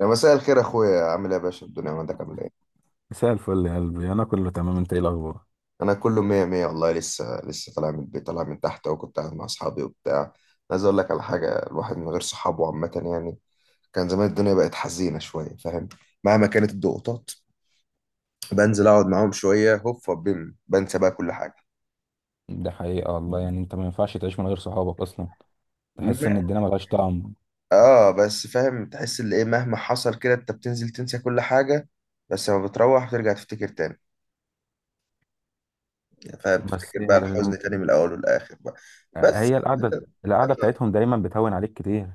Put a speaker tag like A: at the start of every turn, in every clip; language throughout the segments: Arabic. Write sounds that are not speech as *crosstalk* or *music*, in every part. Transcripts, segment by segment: A: يا مساء الخير يا اخويا، عامل ايه يا باشا؟ الدنيا عندك عامل ايه؟
B: مساء الفل يا قلبي، انا كله تمام. انت ايه الاخبار؟
A: انا كله مية مية والله. لسه طالع من البيت، طالع من تحت، وكنت قاعد مع اصحابي وبتاع. عايز اقول لك على حاجه، الواحد من غير صحابه عامه يعني كان زمان الدنيا بقت حزينه شويه، فاهم؟ مهما كانت الضغوطات، بنزل اقعد معاهم شويه، هوب بيم، بنسى بقى كل حاجه.
B: ده حقيقة والله، يعني انت ما ينفعش تعيش من غير صحابك اصلا. تحس ان
A: م-
B: الدنيا ملهاش طعم.
A: اه بس فاهم، تحس ان ايه مهما حصل كده انت بتنزل تنسى كل حاجه. بس لما بتروح بترجع تفتكر تاني. يعني فاهم،
B: بس
A: تفتكر بقى الحزن تاني من الاول والاخر بقى. بس
B: هي القعده. القعده
A: *laughs*
B: بتاعتهم دايما بتهون عليك كتير.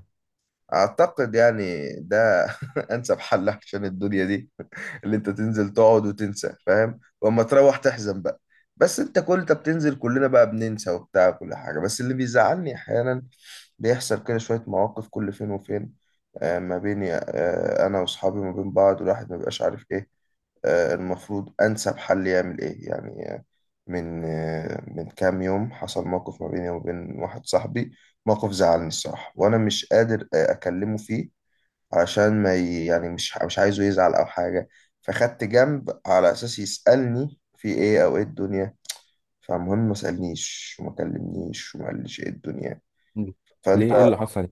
A: أعتقد يعني ده *laughs* أنسب حل عشان الدنيا دي، اللي انت تنزل تقعد وتنسى، فاهم؟ واما تروح تحزن بقى. بس انت كل انت بتنزل، كلنا بقى بننسى وبتاع كل حاجة، بس اللي بيزعلني احيانا بيحصل كده شوية مواقف كل فين وفين. ما بيني انا واصحابي ما بين بعض، والواحد ما بيبقاش عارف ايه المفروض أنسب حل يعمل إيه يعني. من كام يوم حصل موقف ما بيني وبين واحد صاحبي، موقف زعلني الصراحة، وأنا مش قادر أكلمه فيه عشان ما ي... يعني مش عايزه يزعل او حاجه. فخدت جنب على اساس يسالني في ايه او ايه الدنيا. فالمهم ما سالنيش وما كلمنيش وما قاليش ايه الدنيا.
B: مم.
A: فانت
B: ليه، ايه اللي حصل؟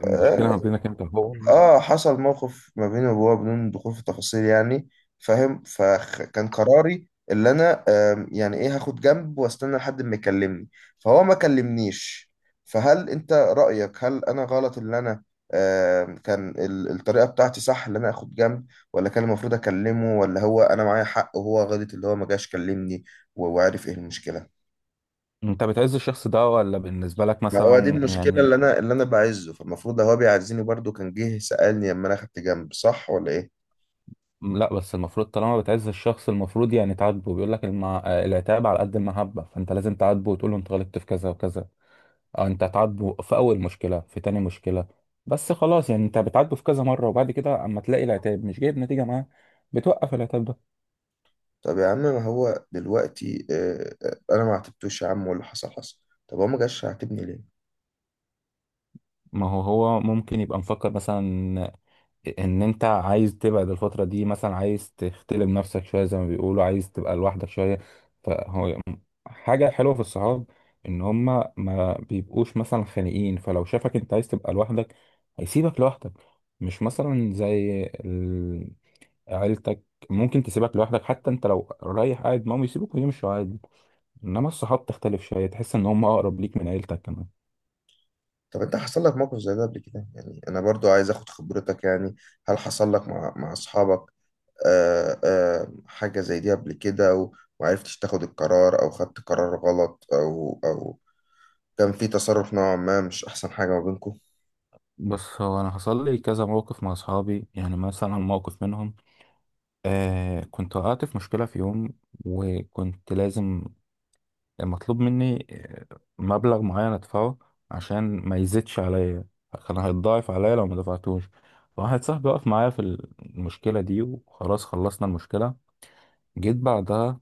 B: المشكلة
A: آه،
B: ما بينك انت هو؟
A: اه حصل موقف ما بيني وبابا بدون دخول في التفاصيل يعني، فاهم. فكان قراري اللي انا يعني ايه، هاخد جنب واستنى لحد ما يكلمني. فهو ما كلمنيش. فهل انت رأيك هل انا غلط؟ اللي انا كان الطريقة بتاعتي صح اللي انا اخد جنب، ولا كان المفروض اكلمه، ولا هو انا معايا حق وهو غلط اللي هو ما جاش كلمني؟ وعارف ايه المشكلة؟
B: انت بتعز الشخص ده ولا بالنسبة لك
A: ما هو دي
B: مثلا،
A: المشكلة،
B: يعني؟
A: اللي انا اللي انا بعزه، فالمفروض هو بيعزني برضو، كان جه سألني لما انا اخدت جنب، صح ولا ايه؟
B: لا، بس المفروض طالما بتعز الشخص المفروض يعني تعاتبه، بيقول لك العتاب على قد المحبة، فانت لازم تعاتبه وتقول له انت غلطت في كذا وكذا. انت هتعاتبه في اول مشكله، في تاني مشكله، بس خلاص. يعني انت بتعاتبه في كذا مره، وبعد كده اما تلاقي العتاب مش جايب نتيجه معاه بتوقف العتاب ده.
A: طب يا عم، ما هو دلوقتي انا ما عاتبتوش يا عم، واللي حصل حصل. طب هو ما جاش يعاتبني ليه؟
B: ما هو هو ممكن يبقى مفكر مثلا ان انت عايز تبعد الفتره دي، مثلا عايز تختلم نفسك شويه، زي ما بيقولوا عايز تبقى لوحدك شويه. فهو حاجه حلوه في الصحاب، ان هما ما بيبقوش مثلا خانقين. فلو شافك انت عايز تبقى لوحدك هيسيبك لوحدك. مش مثلا زي عيلتك، ممكن تسيبك لوحدك، حتى انت لو رايح قاعد معاهم يسيبوك ويمشوا عادي. انما الصحاب تختلف شويه، تحس ان هم اقرب ليك من عيلتك كمان.
A: طب انت حصل لك موقف زي ده قبل كده يعني؟ انا برضو عايز اخد خبرتك يعني. هل حصل لك مع مع اصحابك حاجة زي دي قبل كده؟ ومعرفتش تاخد القرار، او خدت قرار غلط، او او كان في تصرف نوعا ما مش احسن حاجة ما بينكم؟
B: بس هو انا حصل لي كذا موقف مع اصحابي، يعني مثلا موقف منهم. كنت وقعت في مشكله في يوم، وكنت لازم، مطلوب مني مبلغ معين ادفعه عشان ما يزيدش عليا، كان هيتضاعف عليا لو ما دفعتوش. واحد صاحبي وقف معايا في المشكله دي، وخلاص خلصنا المشكله. جيت بعدها،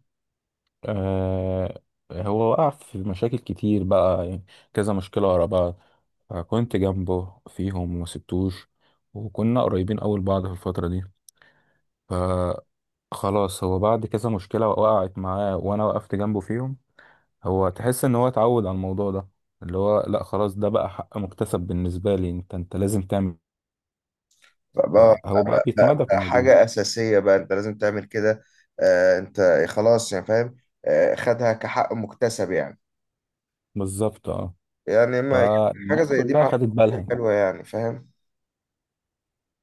B: آه هو وقع في مشاكل كتير بقى، يعني كذا مشكلة ورا بعض، فكنت جنبه فيهم وما سبتوش، وكنا قريبين أوي لبعض في الفترة دي. فخلاص هو بعد كذا مشكلة وقعت معاه وأنا وقفت جنبه فيهم، هو تحس إن هو اتعود على الموضوع ده، اللي هو لأ خلاص ده بقى حق مكتسب بالنسبة لي. أنت لازم تعمل.
A: بقى بقى-
B: فهو بقى
A: بقى
B: بيتمادى في الموضوع.
A: حاجة أساسية بقى، أنت لازم تعمل كده. أنت خلاص يعني، فاهم. خدها كحق مكتسب يعني.
B: بالظبط، اه.
A: يعني ما حاجة
B: فالناس
A: زي دي
B: كلها
A: مع،
B: خدت بالها،
A: حلوة يعني فاهم.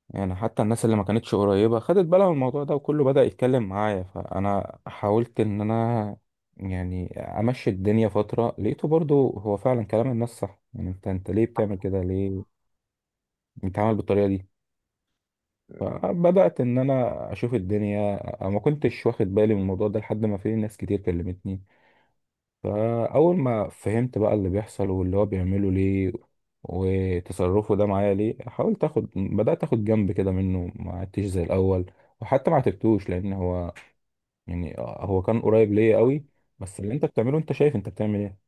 B: يعني حتى الناس اللي ما كانتش قريبة خدت بالها من الموضوع ده وكله بدأ يتكلم معايا. فأنا حاولت إن أنا يعني أمشي الدنيا فترة، لقيته برضو هو فعلا كلام الناس صح. يعني أنت ليه بتعمل كده، ليه بتتعامل بالطريقة دي؟ فبدأت إن أنا أشوف الدنيا، أنا ما كنتش واخد بالي من الموضوع ده لحد ما في ناس كتير كلمتني. فأول ما فهمت بقى اللي بيحصل واللي هو بيعمله ليه، وتصرفه ده معايا ليه، حاولت اخد بدأت اخد جنب كده منه، ما عدتش زي الأول. وحتى ما عاتبتوش، لأن هو يعني هو كان قريب ليا قوي. بس اللي انت بتعمله، انت شايف انت بتعمل ايه؟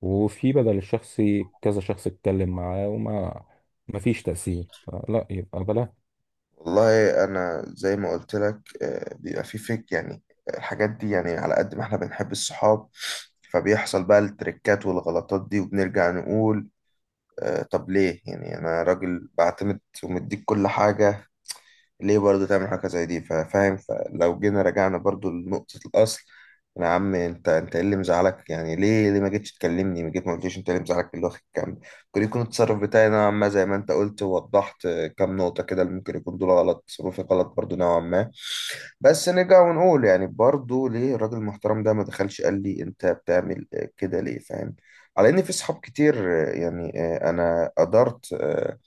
B: وفي بدل الشخصي كذا شخص اتكلم معاه وما ما فيش تأثير. لا يبقى بلا.
A: والله أنا زي ما قلت لك، بيبقى في فيك يعني الحاجات دي. يعني على قد ما احنا بنحب الصحاب، فبيحصل بقى التريكات والغلطات دي، وبنرجع نقول طب ليه يعني؟ أنا راجل بعتمد ومديك كل حاجة، ليه برضه تعمل حاجة زي دي؟ فاهم. فلو جينا رجعنا برضه لنقطة الأصل، يا عم انت، انت ايه اللي مزعلك يعني؟ ليه ما جيتش تكلمني؟ ما جيت ما قلتليش انت إيه اللي مزعلك، اللي واخد كام. ممكن يكون التصرف بتاعي نوعا ما زي ما انت قلت ووضحت كام نقطة كده، اللي ممكن يكون دول غلط، تصرفي غلط برضه نوعا ما. بس نرجع ونقول يعني برضه ليه الراجل المحترم ده ما دخلش قال لي انت بتعمل كده ليه؟ فاهم. على ان في صحاب كتير. يعني انا قدرت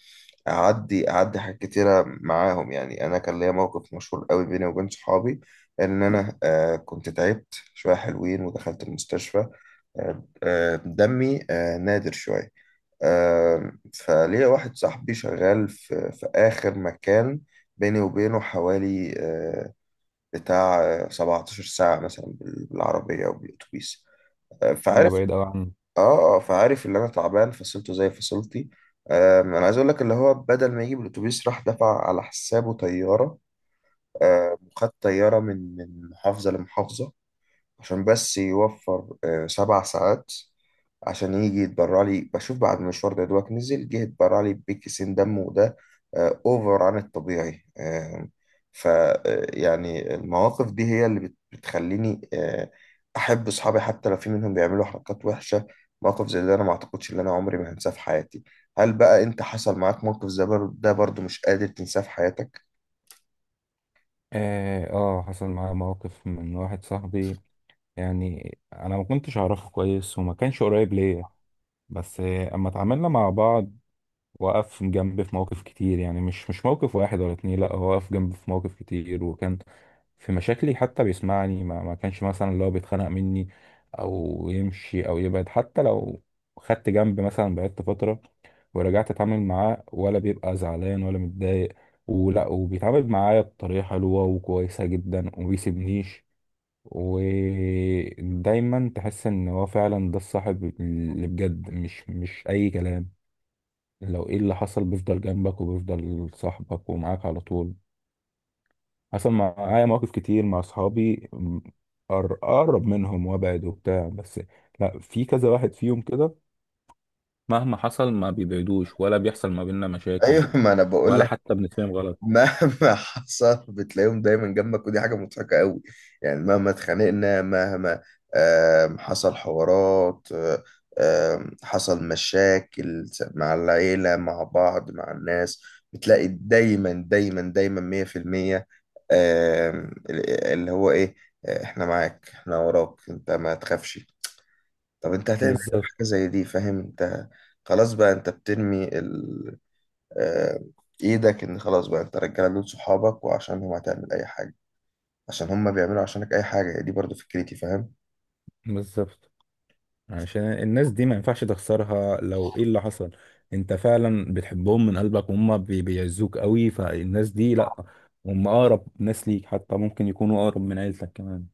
A: اعدي حاجات كتيره معاهم. يعني انا كان ليا موقف مشهور قوي بيني وبين صحابي، ان انا كنت تعبت شويه حلوين ودخلت المستشفى. دمي نادر شويه. فليا واحد صاحبي شغال في في اخر مكان، بيني وبينه حوالي بتاع 17 ساعة مثلا بالعربية أو بالأتوبيس.
B: ده
A: فعارف
B: بعيد قوي عنه.
A: اه اه فعارف اللي أنا تعبان، فصلته زي فصلتي. أنا عايز أقول لك، اللي هو بدل ما يجيب الأتوبيس، راح دفع على حسابه طيارة. وخد طيارة من من محافظة لمحافظة عشان بس يوفر 7 ساعات، عشان يجي يتبرع لي. بشوف بعد المشوار ده دوت نزل جه يتبرع لي بكيسين دم، وده اوفر عن الطبيعي. آه، ف آه، يعني المواقف دي هي اللي بتخليني احب اصحابي حتى لو في منهم بيعملوا حركات وحشة. موقف زي ده انا ما اعتقدش ان انا عمري ما هنساه في حياتي. هل بقى انت حصل معاك موقف زي ده برضو مش قادر تنساه في حياتك؟
B: اه، حصل معايا موقف من واحد صاحبي، يعني انا ما كنتش اعرفه كويس وما كانش قريب ليا. بس اما اتعاملنا مع بعض وقف جنبي في مواقف كتير، يعني مش موقف واحد ولا اتنين. لا هو وقف جنبي في مواقف كتير، وكان في مشاكلي حتى بيسمعني، ما كانش مثلا اللي هو بيتخانق مني او يمشي او يبعد. حتى لو خدت جنبي مثلا بعدت فترة ورجعت اتعامل معاه، ولا بيبقى زعلان ولا متضايق، ولا وبيتعامل معايا بطريقة حلوة وكويسة جدا، ومبيسيبنيش. ودايما تحس ان هو فعلا ده الصاحب اللي بجد، مش اي كلام. لو ايه اللي حصل بيفضل جنبك وبيفضل صاحبك ومعاك على طول. حصل معايا مواقف كتير مع اصحابي، اقرب منهم وابعد وبتاع. بس لا في كذا واحد فيهم كده، مهما حصل ما بيبعدوش، ولا بيحصل ما بيننا مشاكل،
A: ايوه، ما انا بقول
B: ولا حتى بنتفاهم غلط.
A: مهما *laughs* حصل بتلاقيهم دايما جنبك، ودي حاجة مضحكة قوي. يعني مهما اتخانقنا، مهما حصل حوارات، آه، آم، حصل مشاكل مع العيلة، مع بعض، مع الناس، بتلاقي دايما دايما دايما 100% اللي هو ايه احنا معاك، احنا وراك، انت ما تخافش. طب انت هتعمل إيه في
B: بالظبط،
A: حاجة زي دي؟ فاهم. انت خلاص بقى، انت بترمي آه، ايدك، ان خلاص بقى انت، رجاله دول صحابك، وعشانهم هتعمل اي حاجه، عشان هم بيعملوا عشانك اي حاجه. هي دي برضو فكرتي، فاهم.
B: بالظبط. عشان الناس دي ما ينفعش تخسرها. لو ايه اللي حصل انت فعلا بتحبهم من قلبك، وهم بيعزوك قوي. فالناس دي لا، هم اقرب ناس ليك، حتى ممكن يكونوا اقرب من عيلتك كمان.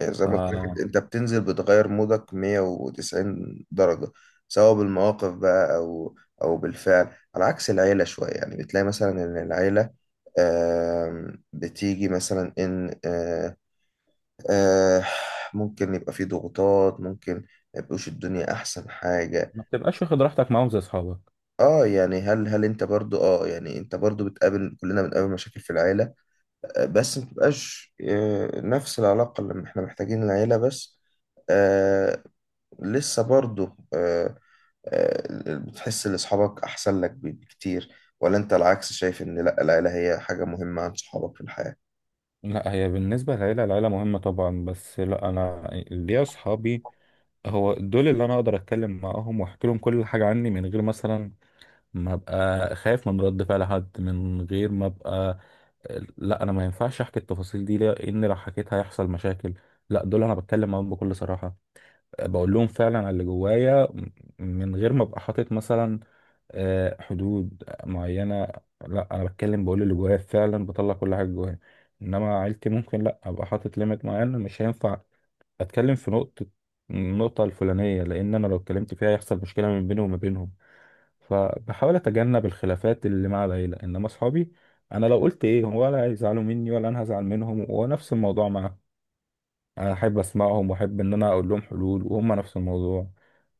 A: يعني زي ما قلت لك
B: فما
A: انت بتنزل بتغير مودك 190 درجه، سواء بالمواقف بقى، او او بالفعل. على عكس العيله شويه، يعني بتلاقي مثلا ان العيله بتيجي مثلا ان آه، ممكن يبقى في ضغوطات، ممكن ما يبقوش الدنيا احسن حاجه.
B: بتبقاش واخد راحتك معاهم زي اصحابك.
A: اه يعني هل انت برضو اه يعني انت برضو بتقابل، كلنا بنقابل مشاكل في العيلة بس ما بتبقاش نفس العلاقة اللي احنا محتاجين العيلة بس. آه لسه برضو آه آه بتحس ان اصحابك احسن لك بكتير، ولا انت العكس شايف ان لا العيلة هي حاجة مهمة عن صحابك في الحياة؟
B: لا هي بالنسبة للعيلة، العيلة مهمة طبعا. بس لا انا ليا اصحابي، هو دول اللي انا اقدر اتكلم معاهم واحكي لهم كل حاجة عني، من غير مثلا ما ابقى خايف من رد فعل حد، من غير ما ابقى، لا انا ما ينفعش احكي التفاصيل دي، لان لو حكيت هيحصل مشاكل. لا دول انا بتكلم معاهم بكل صراحه، بقول لهم فعلا على اللي جوايا، من غير ما ابقى حاطط مثلا حدود معينه. لا انا بتكلم، بقول اللي جوايا فعلا، بطلع كل حاجه جوايا. انما عيلتي ممكن لا ابقى حاطط ليميت معين، مش هينفع اتكلم في النقطه الفلانيه، لان انا لو اتكلمت فيها هيحصل مشكله من بيني وما بينهم. فبحاول اتجنب الخلافات اللي مع العيله. انما اصحابي انا لو قلت ايه هم، ولا هيزعلوا مني ولا انا هزعل منهم. ونفس الموضوع معاهم، انا احب اسمعهم واحب ان انا اقول لهم حلول، وهم نفس الموضوع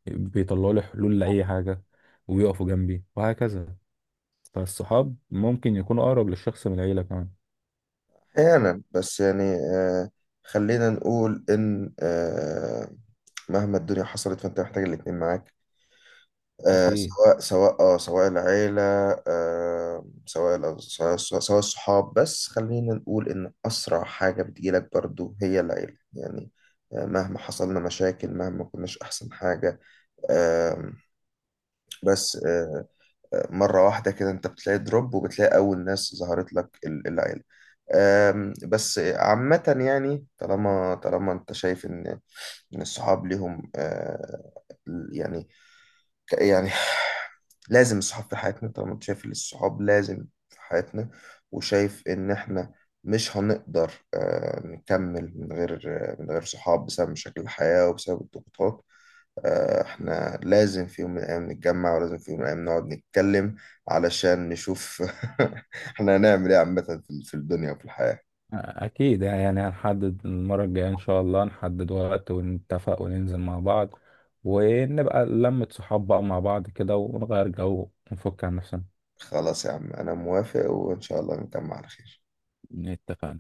B: بيطلعوا لي حلول لاي حاجه ويقفوا جنبي وهكذا. فالصحاب ممكن يكونوا اقرب للشخص من العيله كمان.
A: احيانا بس يعني خلينا نقول ان مهما الدنيا حصلت فانت محتاج الاتنين معاك،
B: اكيد.
A: سواء العيلة سواء سواء الصحاب. بس خلينا نقول إن أسرع حاجة بتجيلك برضو هي العيلة يعني، مهما حصلنا مشاكل، مهما كناش أحسن حاجة. آه بس آه آه، مرة واحدة كده أنت بتلاقي دروب، وبتلاقي أول ناس ظهرت لك العيلة. بس عامة يعني، طالما أنت شايف إن إن الصحاب ليهم يعني ك- يعني لازم الصحاب في حياتنا، طالما انت شايف ان الصحاب لازم في حياتنا، وشايف ان احنا مش هنقدر نكمل من غير من غير صحاب بسبب مشاكل الحياة وبسبب الضغوطات. احنا لازم في يوم من الايام نتجمع، ولازم في يوم من الايام نقعد نتكلم، علشان نشوف *laughs* احنا هنعمل ايه عامة في في الدنيا وفي الحياة.
B: اكيد، يعني هنحدد المره الجايه ان شاء الله، نحدد وقت ونتفق وننزل مع بعض ونبقى لمة صحاب بقى مع بعض كده، ونغير جو ونفك عن نفسنا.
A: خلاص يا عم، انا موافق، وان شاء الله نكمل على خير.
B: اتفقنا.